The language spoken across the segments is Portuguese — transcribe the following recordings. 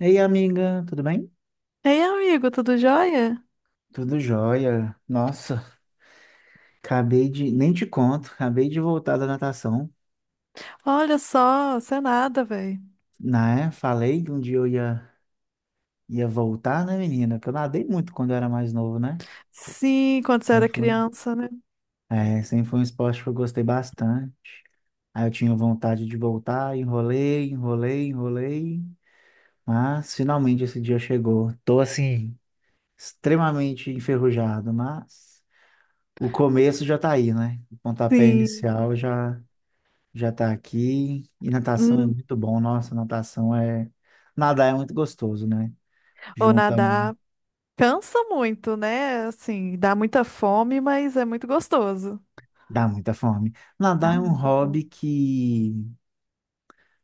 Ei, amiga, tudo bem? Ei, amigo, tudo jóia? Tudo jóia. Nossa, nem te conto, acabei de voltar da natação, Olha só, você é nada, velho. né? Falei que um dia eu ia voltar, né, menina? Que eu nadei muito quando eu era mais novo, né? Sim, quando você era Sempre foi, criança, né? sempre foi um esporte que eu gostei bastante. Aí eu tinha vontade de voltar, enrolei, enrolei, enrolei, mas finalmente esse dia chegou. Tô assim, extremamente enferrujado, mas o começo já tá aí, né? O pontapé Sim. inicial já tá aqui. E natação é Hum. muito bom. Nossa, natação é. Nadar é muito gostoso, né? Ou Junta um. nadar. Cansa muito, né? Assim, dá muita fome, mas é muito gostoso. Dá muita fome. Dá Nadar é um muita hobby fome. que.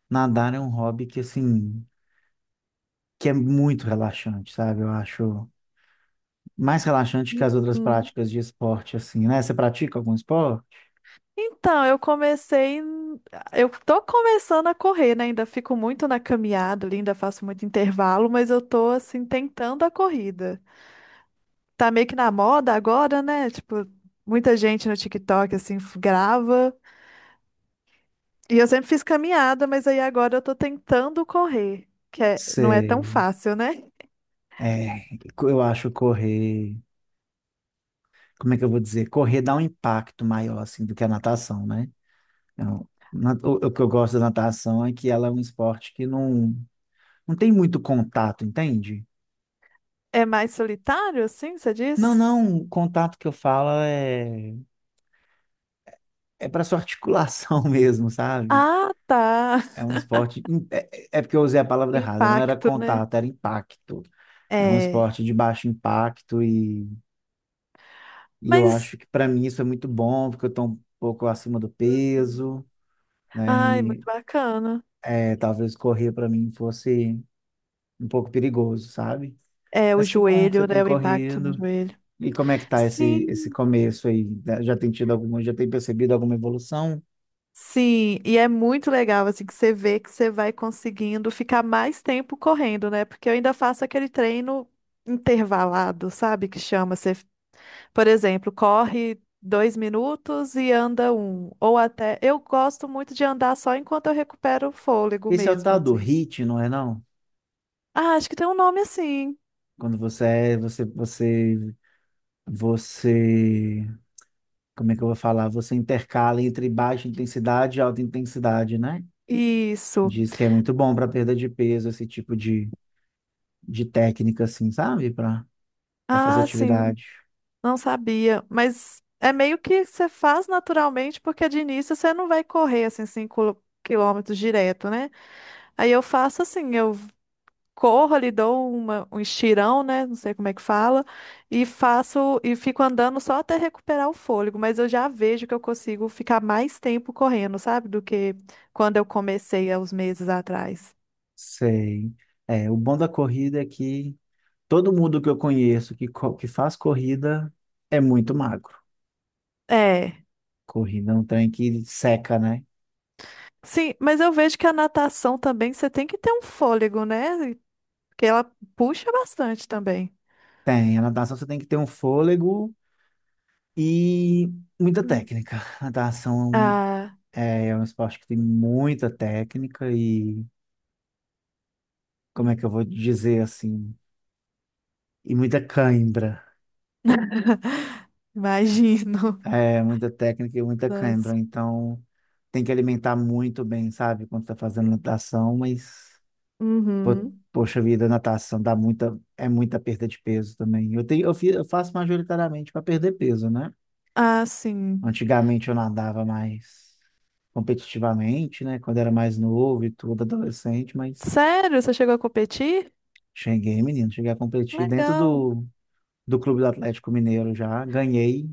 Nadar é um hobby que, assim. Que é muito relaxante, sabe? Eu acho mais relaxante que as outras Uhum. práticas de esporte, assim, né? Você pratica algum esporte? Então, eu comecei. Eu tô começando a correr, né? Ainda fico muito na caminhada, ali, ainda faço muito intervalo, mas eu tô, assim, tentando a corrida. Tá meio que na moda agora, né? Tipo, muita gente no TikTok, assim, grava. E eu sempre fiz caminhada, mas aí agora eu tô tentando correr, não é tão Sei. fácil, né? É, eu acho correr. Como é que eu vou dizer? Correr dá um impacto maior, assim, do que a natação, né? Não. O que eu gosto da natação é que ela é um esporte que não, não tem muito contato, entende? É mais solitário, assim, você Não, diz? não, o contato que eu falo é para sua articulação mesmo, sabe? Ah, tá. É um esporte. É porque eu usei a palavra errada, não era Impacto, né? contato, era impacto. É um É. esporte de baixo impacto e eu Mas. acho que para mim isso é muito bom, porque eu estou um pouco acima do Uhum. peso, né? Ai, muito E bacana. é, talvez correr para mim fosse um pouco perigoso, sabe? É, o Mas que bom que você joelho, tem né? O impacto no corrido. joelho. E como é que tá esse Sim, começo aí? Já tem tido alguma, já tem percebido alguma evolução? sim. E é muito legal, assim, que você vê que você vai conseguindo ficar mais tempo correndo, né? Porque eu ainda faço aquele treino intervalado, sabe? Que chama. Você. Por exemplo, corre 2 minutos e anda um. Ou até. Eu gosto muito de andar só enquanto eu recupero o fôlego Esse é o mesmo, tal do assim. HIIT, não é não? Ah, acho que tem um nome assim. Quando você é, você, você, você, como é que eu vou falar? Você intercala entre baixa intensidade e alta intensidade, né? Isso. Diz que é muito bom para perda de peso, esse tipo de técnica, assim, sabe? Para fazer Ah, sim. atividade. Não sabia. Mas é meio que você faz naturalmente, porque de início você não vai correr assim 5 quilômetros direto, né? Aí eu faço assim, eu corro, lhe dou uma, um estirão, né? Não sei como é que fala, e faço e fico andando só até recuperar o fôlego, mas eu já vejo que eu consigo ficar mais tempo correndo, sabe? Do que quando eu comecei há uns meses atrás. Sei. É, o bom da corrida é que todo mundo que eu conheço que faz corrida é muito magro. É. Corrida é um trem que seca, né? Sim, mas eu vejo que a natação também você tem que ter um fôlego, né? Porque ela puxa bastante também. Tem. A natação você tem que ter um fôlego e muita Hum. técnica. A natação Ah, é um esporte que tem muita técnica e, como é que eu vou dizer assim? E muita cãibra. imagino. É, muita técnica e muita Nossa. cãibra. Então, tem que alimentar muito bem, sabe? Quando está fazendo natação, mas. Po- Uhum. Poxa vida, natação dá muita, é muita perda de peso também. Eu tenho, eu fi- eu faço majoritariamente para perder peso, né? Ah, sim. Antigamente eu nadava mais competitivamente, né? Quando era mais novo e tudo, adolescente, mas Sério? Você chegou a competir? cheguei, menino, cheguei a competir dentro Legal. do Clube do Atlético Mineiro já, ganhei,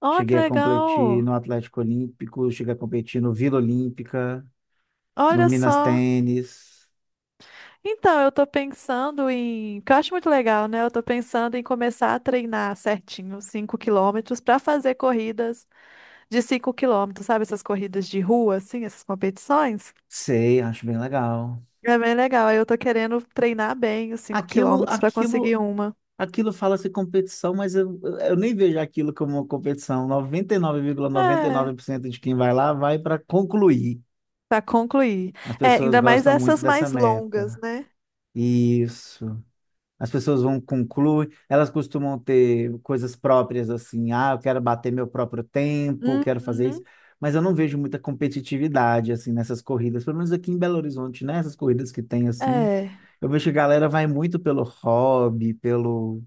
Ó, que cheguei a competir legal. no Atlético Olímpico, cheguei a competir no Vila Olímpica, no Olha Minas só. Tênis, Então, eu tô pensando em, que eu acho muito legal, né? Eu tô pensando em começar a treinar certinho 5 quilômetros para fazer corridas de 5 quilômetros, sabe? Essas corridas de rua, assim, essas competições. sei, acho bem legal. É bem legal. Aí eu tô querendo treinar bem os 5 Aquilo, quilômetros para aquilo conseguir uma. Aquilo fala-se competição, mas eu nem vejo aquilo como uma competição. Noventa e nove vírgula noventa e É, nove por cento de quem vai lá vai para concluir. para concluir. As É, pessoas ainda mais gostam muito essas dessa mais longas, meta. né? Isso. As pessoas vão concluir, elas costumam ter coisas próprias assim, ah, eu quero bater meu próprio tempo, quero fazer isso, Uhum. mas eu não vejo muita competitividade assim nessas corridas, pelo menos aqui em Belo Horizonte, né? Essas corridas que tem assim, É. eu vejo que a galera vai muito pelo hobby, pelo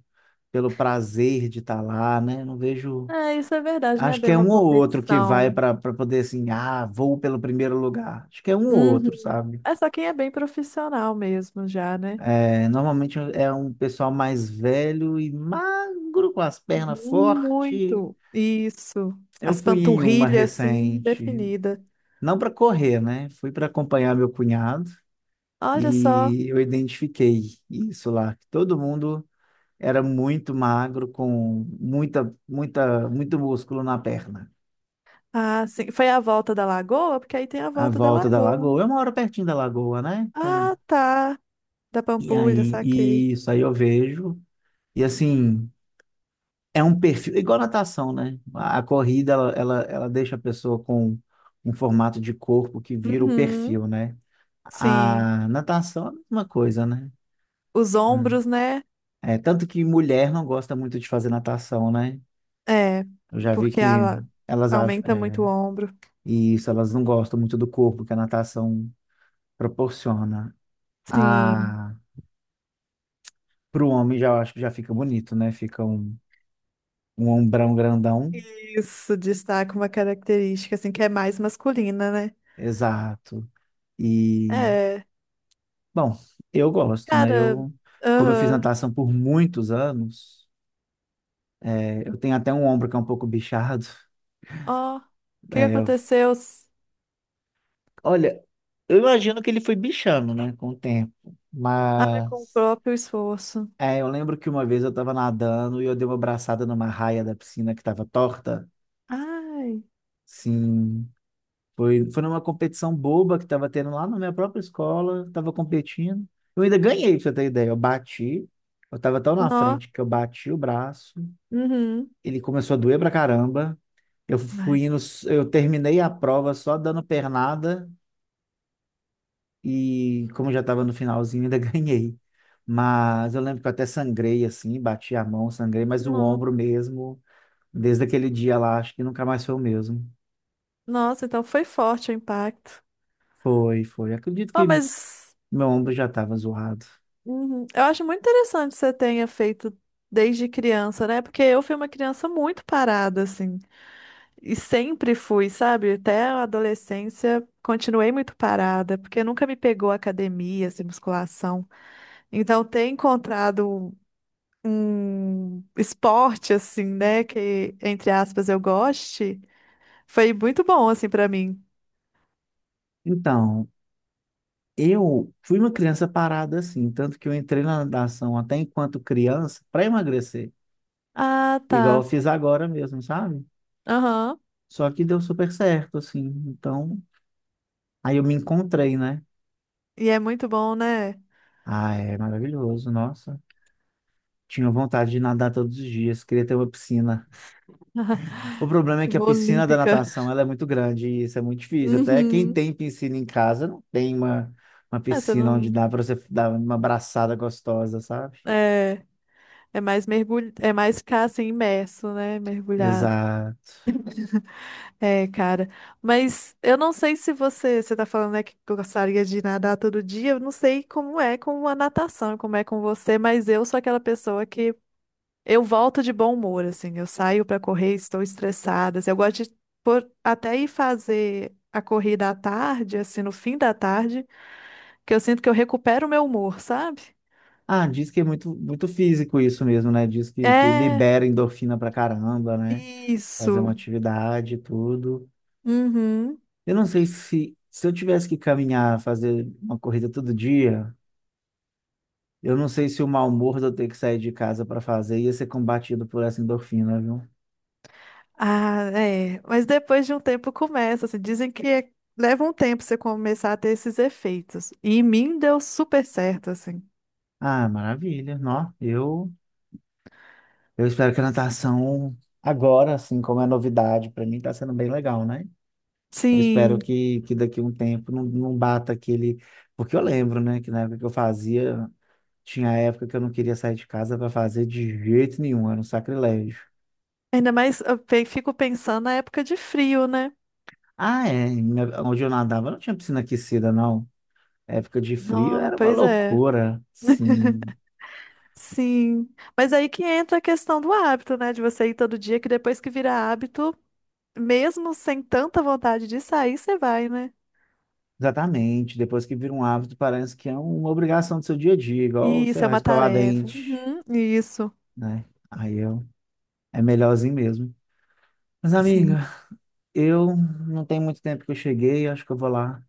pelo prazer de estar lá, né? Não vejo. É, isso é verdade, né? Acho que Bem é uma um ou outro que vai competição. para poder assim, ah, vou pelo primeiro lugar. Acho que é um ou outro, Uhum. sabe? É só quem é bem profissional mesmo já, né? É, normalmente é um pessoal mais velho e magro, com as pernas fortes. Muito. Isso. Eu As fui em uma panturrilhas, assim, recente, definida. não para correr, né? Fui para acompanhar meu cunhado Olha só. e eu identifiquei isso lá, que todo mundo era muito magro, com muita, muita, muito músculo na perna. Ah, sim. Foi a volta da lagoa? Porque aí tem a A volta da volta da lagoa, Lagoa. né? Eu moro pertinho da Lagoa, né? Eu- Ah, tá. Da e Pampulha, aí, saquei. e isso aí eu vejo. E assim, é um perfil, igual natação, né? A corrida, ela deixa a pessoa com um formato de corpo que vira o Uhum. perfil, né? Sim. A natação é a mesma coisa, né? Os A- ombros, né? É, tanto que mulher não gosta muito de fazer natação, né? É, Eu já vi porque que ela elas acham, aumenta é, muito o ombro. e isso, elas não gostam muito do corpo que a natação proporciona. Sim. Para o homem, já eu acho que já fica bonito, né? Fica um, ombrão grandão. Isso destaca uma característica, assim, que é mais masculina, né? Exato. E, É. bom, eu gosto, né? Cara, Eu, como eu fiz aham. natação por muitos anos, eu tenho até um ombro que é um pouco bichado. Ó, o que que É, aconteceu? olha, eu imagino que ele foi bichando, né? Com o tempo. Ah, com o Mas, próprio esforço. Eu lembro que uma vez eu estava nadando e eu dei uma braçada numa raia da piscina que estava torta. Ai, Sim. Foi numa competição boba que estava tendo lá na minha própria escola, estava competindo. Eu ainda ganhei, pra você ter ideia. Eu estava tão na nó. frente que eu bati o braço, Uhum. ele começou a doer pra caramba. Eu Ai, fui indo, eu terminei a prova só dando pernada e, como eu já estava no finalzinho, ainda ganhei. Mas eu lembro que eu até sangrei assim, bati a mão, sangrei, mas o nó. ombro mesmo, desde aquele dia lá, acho que nunca mais foi o mesmo. Nossa, então foi forte o impacto. Foi, foi. Acredito Oh, que mas meu ombro já estava zoado. uhum, eu acho muito interessante que você tenha feito desde criança, né? Porque eu fui uma criança muito parada, assim. E sempre fui, sabe? Até a adolescência continuei muito parada, porque nunca me pegou academia, assim, musculação. Então, ter encontrado um esporte assim, né, que entre aspas eu goste, foi muito bom assim pra mim. Então, eu fui uma criança parada assim, tanto que eu entrei na natação até enquanto criança para emagrecer, Ah, igual eu tá. fiz agora mesmo, sabe? Aham. Só que deu super certo, assim. Então, aí eu me encontrei, né? E é muito bom, né? Ah, é maravilhoso, nossa. Tinha vontade de nadar todos os dias, queria ter uma piscina. O problema é que a Uma piscina da Olímpica. natação, ela é muito grande e isso é muito difícil. Até quem Uhum. tem piscina em casa não tem uma Ah, você piscina onde não dá para você dar uma abraçada gostosa, sabe? é é mais mergulho, é mais ficar assim imerso, né, mergulhado. Exato. É, cara. Mas eu não sei se você, você tá falando, né, que gostaria de nadar todo dia. Eu não sei como é com a natação, como é com você, mas eu sou aquela pessoa. Eu volto de bom humor, assim. Eu saio pra correr, estou estressada, assim. Eu gosto de até ir fazer a corrida à tarde, assim, no fim da tarde, que eu sinto que eu recupero o meu humor, sabe? Ah, diz que é muito, muito físico isso mesmo, né? Diz que É, libera endorfina pra caramba, né? Fazer uma isso. atividade e tudo. Uhum. Eu não sei se eu tivesse que caminhar, fazer uma corrida todo dia, eu não sei se o mau humor de eu ter que sair de casa para fazer ia ser combatido por essa endorfina, viu? Ah, é. Mas depois de um tempo começa, assim, dizem que é- leva um tempo você começar a ter esses efeitos. E em mim deu super certo, assim. Ah, maravilha. Não, eu espero que a natação agora, assim, como é novidade, para mim tá sendo bem legal, né? Eu espero Sim. que daqui a um tempo não bata aquele. Porque eu lembro, né, que na época que eu fazia. Tinha época que eu não queria sair de casa para fazer de jeito nenhum, era um sacrilégio. Ainda mais eu fico pensando na época de frio, né? Ah, é, onde eu nadava não tinha piscina aquecida, não. Época de frio Não, era uma pois é. loucura, sim. Sim, mas aí que entra a questão do hábito, né? De você ir todo dia, que depois que vira hábito, mesmo sem tanta vontade de sair, você vai, né? Exatamente, depois que vira um hábito, parece que é uma obrigação do seu dia a dia, igual, E sei isso é lá, uma escovar tarefa. dente, Uhum, isso. né? Aí eu, é melhorzinho mesmo. Mas, Sim. amiga, eu não tem muito tempo que eu cheguei, acho que eu vou lá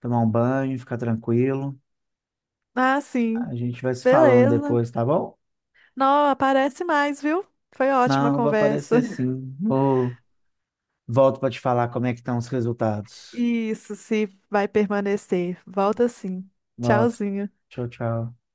tomar um banho, ficar tranquilo. Ah, A sim. gente vai se falando Beleza. depois, tá bom? Não, aparece mais, viu? Foi ótima a Não, vai conversa. aparecer sim. Vou... Volto para te falar como é que estão os resultados. Isso, se vai permanecer. Volta sim. Volto. Tchauzinho. Tchau, tchau.